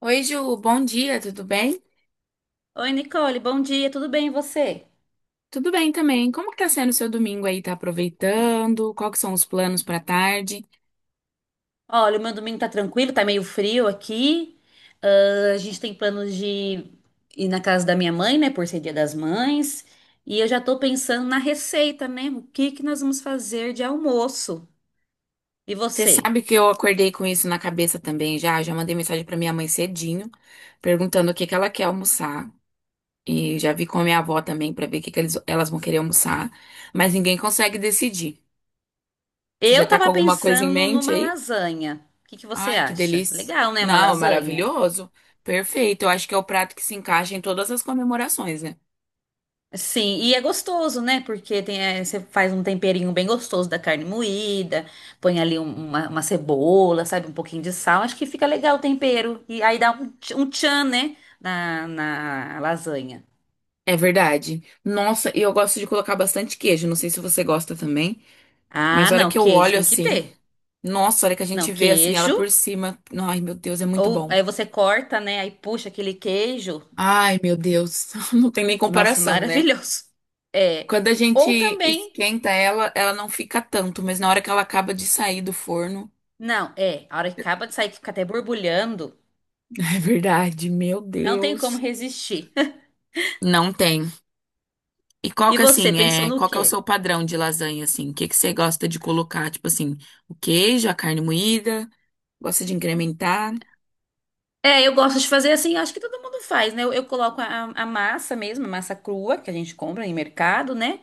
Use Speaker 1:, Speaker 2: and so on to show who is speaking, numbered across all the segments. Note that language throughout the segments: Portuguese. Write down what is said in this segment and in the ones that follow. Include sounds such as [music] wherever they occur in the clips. Speaker 1: Oi, Ju, bom dia, tudo bem?
Speaker 2: Oi, Nicole, bom dia, tudo bem e você?
Speaker 1: Tudo bem também. Como que tá sendo o seu domingo aí? Tá aproveitando? Qual que são os planos pra tarde?
Speaker 2: Olha, o meu domingo tá tranquilo, tá meio frio aqui. Ah, a gente tem planos de ir na casa da minha mãe, né, por ser Dia das Mães. E eu já tô pensando na receita, né? O que que nós vamos fazer de almoço? E
Speaker 1: Você
Speaker 2: você?
Speaker 1: sabe que eu acordei com isso na cabeça também já, mandei mensagem pra minha mãe cedinho, perguntando o que que ela quer almoçar. E já vi com a minha avó também pra ver o que que elas vão querer almoçar, mas ninguém consegue decidir. Você já
Speaker 2: Eu
Speaker 1: tá com
Speaker 2: tava
Speaker 1: alguma coisa em
Speaker 2: pensando
Speaker 1: mente
Speaker 2: numa
Speaker 1: aí?
Speaker 2: lasanha. O que que você
Speaker 1: Ai, que
Speaker 2: acha?
Speaker 1: delícia.
Speaker 2: Legal, né, uma
Speaker 1: Não,
Speaker 2: lasanha?
Speaker 1: maravilhoso. Perfeito. Eu acho que é o prato que se encaixa em todas as comemorações, né?
Speaker 2: Sim, e é gostoso, né? Porque tem, é, você faz um temperinho bem gostoso da carne moída, põe ali uma cebola, sabe? Um pouquinho de sal. Acho que fica legal o tempero. E aí dá um, um tchan, né? Na lasanha.
Speaker 1: É verdade. Nossa, e eu gosto de colocar bastante queijo. Não sei se você gosta também,
Speaker 2: Ah,
Speaker 1: mas a hora
Speaker 2: não,
Speaker 1: que eu
Speaker 2: queijo
Speaker 1: olho
Speaker 2: tem que
Speaker 1: assim,
Speaker 2: ter.
Speaker 1: nossa, a hora que a gente
Speaker 2: Não,
Speaker 1: vê assim ela por
Speaker 2: queijo.
Speaker 1: cima, ai meu Deus, é muito
Speaker 2: Ou
Speaker 1: bom.
Speaker 2: aí você corta, né? Aí puxa aquele queijo.
Speaker 1: Ai meu Deus, [laughs] não tem nem
Speaker 2: Nossa, [laughs]
Speaker 1: comparação, né?
Speaker 2: maravilhoso. É.
Speaker 1: Quando a
Speaker 2: Ou
Speaker 1: gente
Speaker 2: também.
Speaker 1: esquenta ela, ela não fica tanto, mas na hora que ela acaba de sair do forno,
Speaker 2: Não, é. A hora que acaba de sair, que fica até borbulhando.
Speaker 1: [laughs] é verdade, meu
Speaker 2: Não tem como
Speaker 1: Deus.
Speaker 2: resistir. [laughs]
Speaker 1: Não tem. E qual
Speaker 2: E
Speaker 1: que
Speaker 2: você
Speaker 1: assim,
Speaker 2: pensou
Speaker 1: é,
Speaker 2: no
Speaker 1: qual que é o
Speaker 2: quê?
Speaker 1: seu padrão de lasanha assim? O que que você gosta de colocar, tipo assim, o queijo, a carne moída, gosta de incrementar?
Speaker 2: É, eu gosto de fazer assim, acho que todo mundo faz, né? Eu coloco a massa mesmo, a massa crua que a gente compra em mercado, né?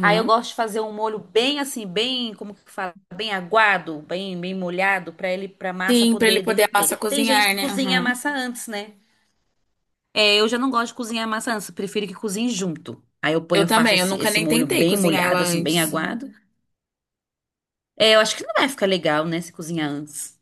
Speaker 2: Aí eu gosto de fazer um molho bem assim, bem, como que fala? Bem aguado, bem, bem molhado, pra massa
Speaker 1: Sim, pra ele
Speaker 2: poder
Speaker 1: poder a
Speaker 2: derreter.
Speaker 1: massa
Speaker 2: Tem gente
Speaker 1: cozinhar,
Speaker 2: que
Speaker 1: né?
Speaker 2: cozinha a
Speaker 1: Uhum.
Speaker 2: massa antes, né? É, eu já não gosto de cozinhar a massa antes, eu prefiro que cozinhe junto. Aí eu
Speaker 1: Eu
Speaker 2: ponho, eu faço
Speaker 1: também, eu
Speaker 2: esse,
Speaker 1: nunca
Speaker 2: esse
Speaker 1: nem
Speaker 2: molho
Speaker 1: tentei
Speaker 2: bem
Speaker 1: cozinhar ela
Speaker 2: molhado, assim, bem
Speaker 1: antes.
Speaker 2: aguado. É, eu acho que não vai ficar legal, né, se cozinhar antes.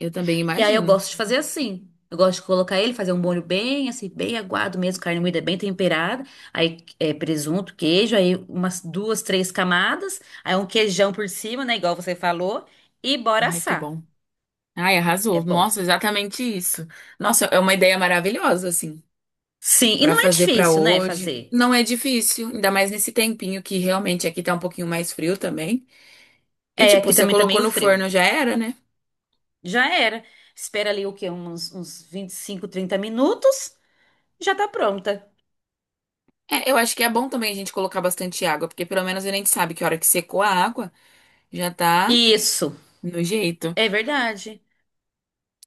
Speaker 1: Eu também
Speaker 2: E aí eu
Speaker 1: imagino.
Speaker 2: gosto de fazer assim. Eu gosto de colocar ele, fazer um molho bem, assim, bem aguado mesmo, carne moída bem temperada. Aí é, presunto, queijo, aí umas duas, três camadas. Aí um queijão por cima, né? Igual você falou. E bora
Speaker 1: Ai, que
Speaker 2: assar.
Speaker 1: bom. Ai,
Speaker 2: É
Speaker 1: arrasou.
Speaker 2: bom.
Speaker 1: Nossa, exatamente isso. Nossa, é uma ideia maravilhosa, assim,
Speaker 2: Sim, e
Speaker 1: pra
Speaker 2: não é
Speaker 1: fazer pra
Speaker 2: difícil, né,
Speaker 1: hoje.
Speaker 2: fazer.
Speaker 1: Não é difícil, ainda mais nesse tempinho que realmente aqui tá um pouquinho mais frio também. E
Speaker 2: É,
Speaker 1: tipo,
Speaker 2: aqui
Speaker 1: você
Speaker 2: também tá
Speaker 1: colocou
Speaker 2: meio
Speaker 1: no
Speaker 2: frio.
Speaker 1: forno já era, né?
Speaker 2: Já era. Espera ali o quê? Uns 25 30 minutos. Já tá pronta.
Speaker 1: É, eu acho que é bom também a gente colocar bastante água, porque pelo menos a gente sabe que a hora que secou a água, já tá
Speaker 2: Isso.
Speaker 1: no jeito.
Speaker 2: É verdade.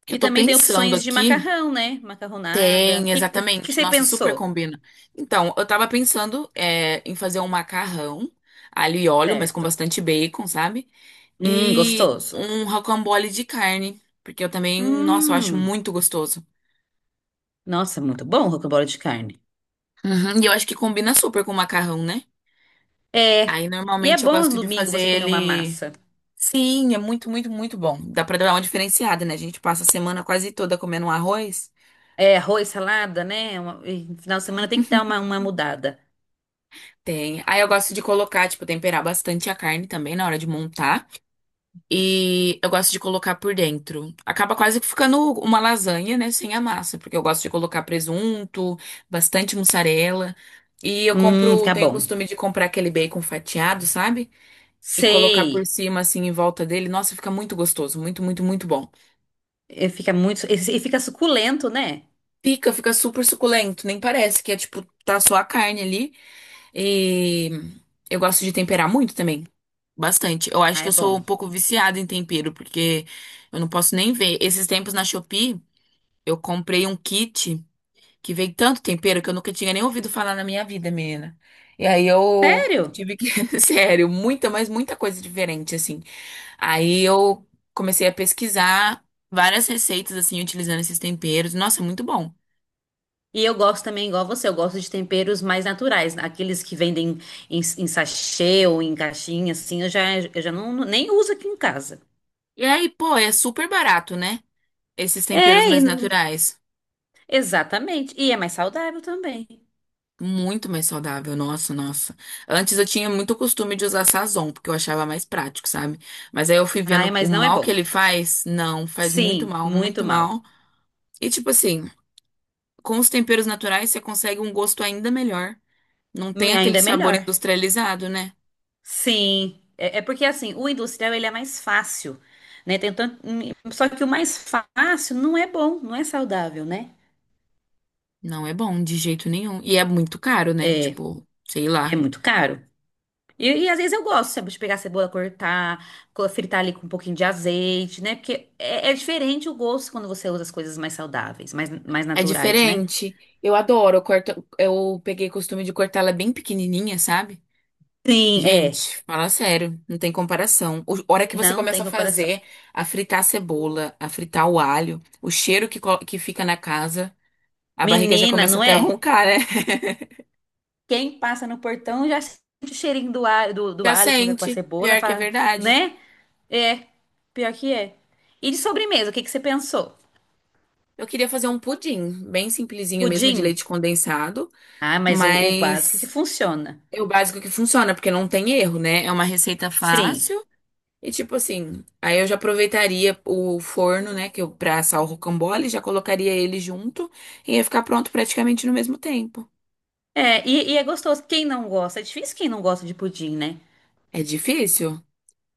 Speaker 1: Que
Speaker 2: E
Speaker 1: eu tô
Speaker 2: também tem
Speaker 1: pensando
Speaker 2: opções de
Speaker 1: aqui.
Speaker 2: macarrão, né? Macarronada.
Speaker 1: Tem,
Speaker 2: O que
Speaker 1: exatamente.
Speaker 2: você
Speaker 1: Nossa, super
Speaker 2: pensou?
Speaker 1: combina. Então, eu tava pensando é, em fazer um macarrão, alho e óleo, mas com
Speaker 2: Certo.
Speaker 1: bastante bacon, sabe? E
Speaker 2: Gostoso.
Speaker 1: um rocambole de carne, porque eu também, nossa, eu acho
Speaker 2: Hum,
Speaker 1: muito gostoso.
Speaker 2: nossa, muito bom o rocambole de carne.
Speaker 1: Uhum, e eu acho que combina super com o macarrão, né?
Speaker 2: É.
Speaker 1: Aí,
Speaker 2: E é
Speaker 1: normalmente, eu
Speaker 2: bom no
Speaker 1: gosto de
Speaker 2: domingo
Speaker 1: fazer
Speaker 2: você comer uma
Speaker 1: ele...
Speaker 2: massa.
Speaker 1: Sim, é muito, muito, muito bom. Dá pra dar uma diferenciada, né? A gente passa a semana quase toda comendo um arroz.
Speaker 2: É, arroz, salada, né? E no final de semana tem que dar uma mudada.
Speaker 1: Tem. Aí eu gosto de colocar, tipo, temperar bastante a carne também na hora de montar. E eu gosto de colocar por dentro. Acaba quase que ficando uma lasanha, né? Sem a massa, porque eu gosto de colocar presunto, bastante mussarela. E eu compro,
Speaker 2: Fica
Speaker 1: tenho o
Speaker 2: bom.
Speaker 1: costume de comprar aquele bacon fatiado, sabe? E colocar por
Speaker 2: Sei.
Speaker 1: cima, assim, em volta dele. Nossa, fica muito gostoso, muito, muito, muito bom.
Speaker 2: E fica muito. E fica suculento, né?
Speaker 1: Pica, fica super suculento, nem parece que é tipo, tá só a carne ali. E eu gosto de temperar muito também. Bastante. Eu acho
Speaker 2: Ah,
Speaker 1: que
Speaker 2: é
Speaker 1: eu sou
Speaker 2: bom.
Speaker 1: um pouco viciada em tempero, porque eu não posso nem ver. Esses tempos na Shopee. Eu comprei um kit que vem tanto tempero que eu nunca tinha nem ouvido falar na minha vida, menina. E aí eu
Speaker 2: Sério?
Speaker 1: tive que, [laughs] sério, muita, mas muita coisa diferente, assim. Aí eu comecei a pesquisar várias receitas, assim, utilizando esses temperos. Nossa, muito bom.
Speaker 2: E eu gosto também, igual você, eu gosto de temperos mais naturais, né? Aqueles que vendem em sachê ou em caixinha, assim, eu já não, nem uso aqui em casa.
Speaker 1: E aí, pô, é super barato, né? Esses temperos
Speaker 2: É,
Speaker 1: mais naturais.
Speaker 2: exatamente. E é mais saudável também.
Speaker 1: Muito mais saudável, nossa, nossa. Antes eu tinha muito costume de usar Sazon, porque eu achava mais prático, sabe? Mas aí eu fui
Speaker 2: Ai,
Speaker 1: vendo o
Speaker 2: mas não é
Speaker 1: mal que
Speaker 2: bom.
Speaker 1: ele faz. Não, faz muito
Speaker 2: Sim,
Speaker 1: mal,
Speaker 2: muito
Speaker 1: muito mal.
Speaker 2: mal.
Speaker 1: E tipo assim, com os temperos naturais você consegue um gosto ainda melhor. Não tem
Speaker 2: Ainda
Speaker 1: aquele
Speaker 2: é
Speaker 1: sabor
Speaker 2: melhor.
Speaker 1: industrializado, né?
Speaker 2: Sim, é porque assim, o industrial ele é mais fácil, né? Tem tanto, só que o mais fácil não é bom, não é saudável, né?
Speaker 1: Não é bom de jeito nenhum. E é muito caro, né?
Speaker 2: É,
Speaker 1: Tipo, sei
Speaker 2: é
Speaker 1: lá.
Speaker 2: muito caro. E às vezes eu gosto, sabe, de pegar a cebola, cortar, fritar ali com um pouquinho de azeite, né? Porque é, é diferente o gosto quando você usa as coisas mais saudáveis, mais, mais
Speaker 1: É
Speaker 2: naturais, né?
Speaker 1: diferente. Eu adoro, eu corto, eu peguei costume de cortá-la bem pequenininha, sabe?
Speaker 2: Sim, é.
Speaker 1: Gente, fala sério, não tem comparação. A hora que você
Speaker 2: Não
Speaker 1: começa
Speaker 2: tem
Speaker 1: a
Speaker 2: comparação.
Speaker 1: fazer, a fritar a cebola, a fritar o alho, o cheiro que, que fica na casa, a barriga já
Speaker 2: Menina,
Speaker 1: começa
Speaker 2: não
Speaker 1: até a
Speaker 2: é?
Speaker 1: roncar, né? [laughs]
Speaker 2: Quem passa no portão já sente o cheirinho do alho, do
Speaker 1: Já
Speaker 2: alho com a
Speaker 1: sente,
Speaker 2: cebola,
Speaker 1: pior que é
Speaker 2: fala,
Speaker 1: verdade.
Speaker 2: né? É, pior que é. E de sobremesa, o que que você pensou?
Speaker 1: Eu queria fazer um pudim, bem simplesinho mesmo, de
Speaker 2: Pudim?
Speaker 1: leite condensado,
Speaker 2: Ah, mas o básico que
Speaker 1: mas
Speaker 2: funciona.
Speaker 1: é o básico que funciona, porque não tem erro, né? É uma receita
Speaker 2: Sim.
Speaker 1: fácil. E tipo assim, aí eu já aproveitaria o forno, né, que eu pra assar o rocambole, já colocaria ele junto e ia ficar pronto praticamente no mesmo tempo.
Speaker 2: É, e é gostoso. Quem não gosta? É difícil quem não gosta de pudim, né?
Speaker 1: É difícil?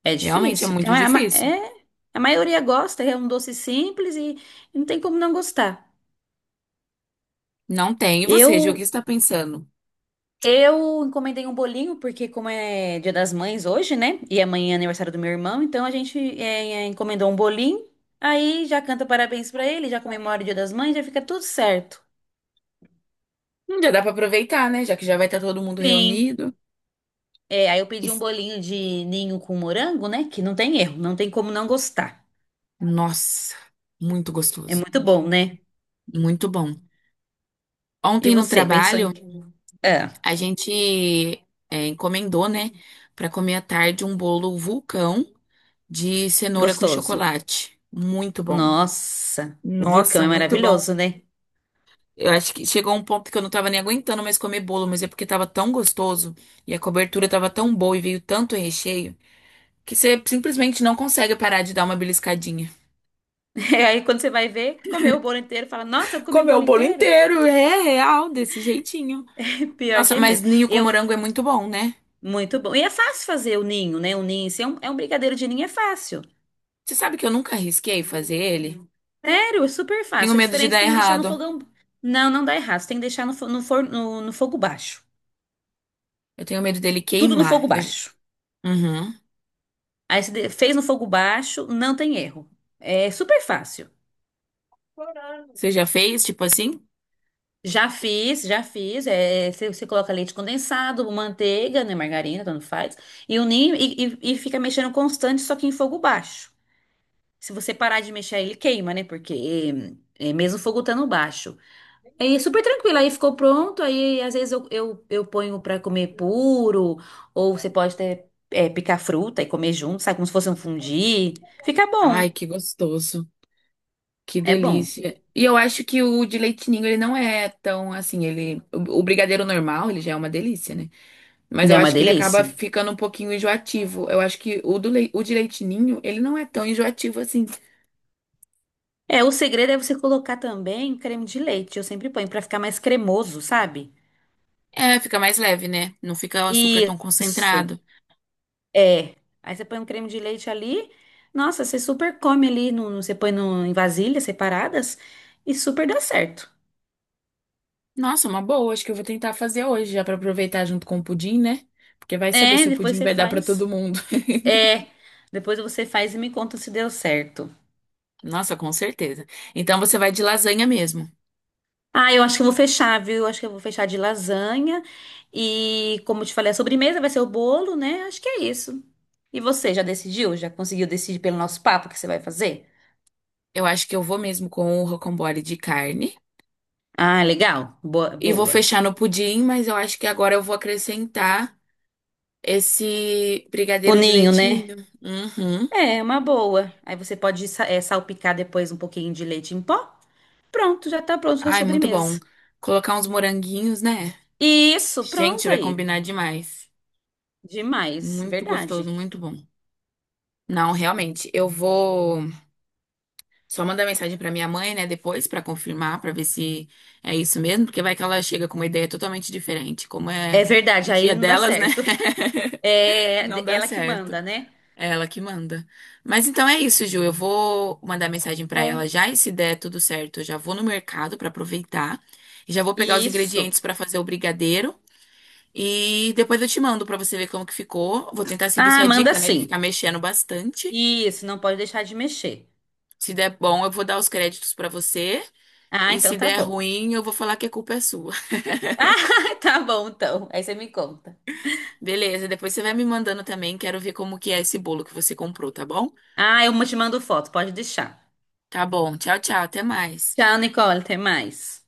Speaker 2: É
Speaker 1: Realmente é
Speaker 2: difícil, porque
Speaker 1: muito difícil.
Speaker 2: a maioria gosta, é um doce simples e não tem como não gostar.
Speaker 1: Não tem. E você, Ju, o que
Speaker 2: Eu
Speaker 1: você tá pensando?
Speaker 2: eu encomendei um bolinho, porque como é Dia das Mães hoje, né? E amanhã é aniversário do meu irmão, então a gente encomendou um bolinho. Aí já canta parabéns pra ele, já comemora o Dia das Mães, já fica tudo certo.
Speaker 1: Já dá pra aproveitar, né, já que já vai estar todo mundo
Speaker 2: Sim.
Speaker 1: reunido.
Speaker 2: É, aí eu
Speaker 1: E-
Speaker 2: pedi um bolinho de ninho com morango, né? Que não tem erro, não tem como não gostar.
Speaker 1: Nossa, muito
Speaker 2: É
Speaker 1: gostoso.
Speaker 2: muito bom, né?
Speaker 1: Muito bom.
Speaker 2: E
Speaker 1: Ontem no
Speaker 2: você, pensou em...
Speaker 1: trabalho,
Speaker 2: quê? É,
Speaker 1: a gente é, encomendou, né, pra comer à tarde um bolo vulcão de cenoura com
Speaker 2: gostoso.
Speaker 1: chocolate. Muito bom.
Speaker 2: Nossa, o vulcão
Speaker 1: Nossa,
Speaker 2: é
Speaker 1: muito bom.
Speaker 2: maravilhoso, né?
Speaker 1: Eu acho que chegou um ponto que eu não tava nem aguentando mais comer bolo, mas é porque tava tão gostoso e a cobertura tava tão boa e veio tanto recheio que você simplesmente não consegue parar de dar uma beliscadinha.
Speaker 2: [laughs] E aí quando você vai ver, comeu o bolo inteiro, fala, nossa, eu comi o
Speaker 1: Comeu o
Speaker 2: bolo
Speaker 1: bolo
Speaker 2: inteiro.
Speaker 1: inteiro, é real, desse jeitinho.
Speaker 2: [laughs] Pior que
Speaker 1: Nossa,
Speaker 2: é
Speaker 1: mas
Speaker 2: mesmo.
Speaker 1: ninho com
Speaker 2: Eu,
Speaker 1: morango é muito bom, né?
Speaker 2: muito bom. E é fácil fazer o ninho, né? O ninho, se é um, é um brigadeiro de ninho, é fácil.
Speaker 1: Você sabe que eu nunca arrisquei fazer ele?
Speaker 2: Sério, é super
Speaker 1: Tenho
Speaker 2: fácil. A
Speaker 1: medo de
Speaker 2: diferença é que
Speaker 1: dar
Speaker 2: tem que deixar no
Speaker 1: errado.
Speaker 2: fogão... Não, não dá errado. Você tem que deixar no forno, no fogo baixo.
Speaker 1: Eu tenho medo dele
Speaker 2: Tudo no
Speaker 1: queimar.
Speaker 2: fogo
Speaker 1: Eu já-
Speaker 2: baixo.
Speaker 1: Uhum.
Speaker 2: Aí você fez no fogo baixo, não tem erro. É super fácil.
Speaker 1: Você já fez, tipo assim?
Speaker 2: Já fiz, já fiz. É, você coloca leite condensado, manteiga, né, margarina, tanto faz, e o ninho e fica mexendo constante, só que em fogo baixo. Se você parar de mexer, ele queima, né? Porque é, é mesmo o fogo estando baixo. É super tranquilo. Aí ficou pronto. Aí às vezes eu ponho pra comer puro, ou você pode até picar fruta e comer junto, sabe? Como se fosse um fondue. Fica
Speaker 1: Ai,
Speaker 2: bom.
Speaker 1: que gostoso. Que
Speaker 2: É bom.
Speaker 1: delícia. E eu acho que o de leite ninho, ele não é tão assim, ele... O brigadeiro normal, ele já é uma delícia, né? Mas eu
Speaker 2: É uma
Speaker 1: acho que ele acaba
Speaker 2: delícia.
Speaker 1: ficando um pouquinho enjoativo. Eu acho que o, o de leite ninho, ele não é tão enjoativo assim.
Speaker 2: É, o segredo é você colocar também creme de leite. Eu sempre ponho pra ficar mais cremoso, sabe?
Speaker 1: É, fica mais leve, né? Não fica o açúcar tão
Speaker 2: Isso.
Speaker 1: concentrado.
Speaker 2: É. Aí você põe um creme de leite ali. Nossa, você super come ali. Você põe no, em vasilhas separadas. E super dá certo.
Speaker 1: Nossa, uma boa. Acho que eu vou tentar fazer hoje, já pra aproveitar junto com o pudim, né? Porque vai saber
Speaker 2: É,
Speaker 1: se o
Speaker 2: depois
Speaker 1: pudim
Speaker 2: você
Speaker 1: vai dar pra todo
Speaker 2: faz.
Speaker 1: mundo.
Speaker 2: É. Depois você faz e me conta se deu certo.
Speaker 1: [laughs] Nossa, com certeza. Então você vai de lasanha mesmo.
Speaker 2: Ah, eu acho que eu vou fechar, viu? Eu acho que eu vou fechar de lasanha. E, como eu te falei, a sobremesa vai ser o bolo, né? Acho que é isso. E você, já decidiu? Já conseguiu decidir pelo nosso papo o que você vai fazer?
Speaker 1: Eu acho que eu vou mesmo com o rocambole de carne.
Speaker 2: Ah, legal. Boa,
Speaker 1: E vou
Speaker 2: boa.
Speaker 1: fechar no pudim, mas eu acho que agora eu vou acrescentar esse
Speaker 2: O
Speaker 1: brigadeiro de
Speaker 2: ninho,
Speaker 1: leite
Speaker 2: né?
Speaker 1: ninho. Uhum.
Speaker 2: É, uma boa. Aí você pode salpicar depois um pouquinho de leite em pó. Pronto, já tá pronto a sua
Speaker 1: Ai, muito bom.
Speaker 2: sobremesa.
Speaker 1: Colocar uns moranguinhos, né?
Speaker 2: Isso,
Speaker 1: Gente,
Speaker 2: pronto
Speaker 1: vai
Speaker 2: aí.
Speaker 1: combinar demais.
Speaker 2: Demais,
Speaker 1: Muito gostoso,
Speaker 2: verdade.
Speaker 1: muito bom. Não, realmente, eu vou só mandar mensagem pra minha mãe, né, depois pra confirmar, pra ver se é isso mesmo, porque vai que ela chega com uma ideia totalmente diferente, como é
Speaker 2: É
Speaker 1: o
Speaker 2: verdade, aí
Speaker 1: dia
Speaker 2: não dá
Speaker 1: delas, né?
Speaker 2: certo.
Speaker 1: [laughs]
Speaker 2: É
Speaker 1: Não dá
Speaker 2: ela que
Speaker 1: certo.
Speaker 2: manda, né?
Speaker 1: É ela que manda. Mas então é isso, Ju. Eu vou mandar mensagem pra ela
Speaker 2: Bom,
Speaker 1: já e se der tudo certo, eu já vou no mercado pra aproveitar e já vou pegar os
Speaker 2: isso.
Speaker 1: ingredientes pra fazer o brigadeiro e depois eu te mando pra você ver como que ficou. Vou tentar seguir
Speaker 2: Ah,
Speaker 1: sua
Speaker 2: manda
Speaker 1: dica, né, de
Speaker 2: sim.
Speaker 1: ficar mexendo bastante.
Speaker 2: Isso, não pode deixar de mexer.
Speaker 1: Se der bom, eu vou dar os créditos pra você
Speaker 2: Ah,
Speaker 1: e
Speaker 2: então
Speaker 1: se
Speaker 2: tá
Speaker 1: der
Speaker 2: bom. [laughs]
Speaker 1: ruim, eu vou falar que a culpa é sua.
Speaker 2: Ah, tá bom então. Aí você me conta.
Speaker 1: [laughs] Beleza? Depois você vai me mandando também, quero ver como que é esse bolo que você comprou, tá bom?
Speaker 2: Ah, eu te mando foto, pode deixar.
Speaker 1: Tá bom. Tchau, tchau. Até mais.
Speaker 2: Tchau, Nicole, até mais.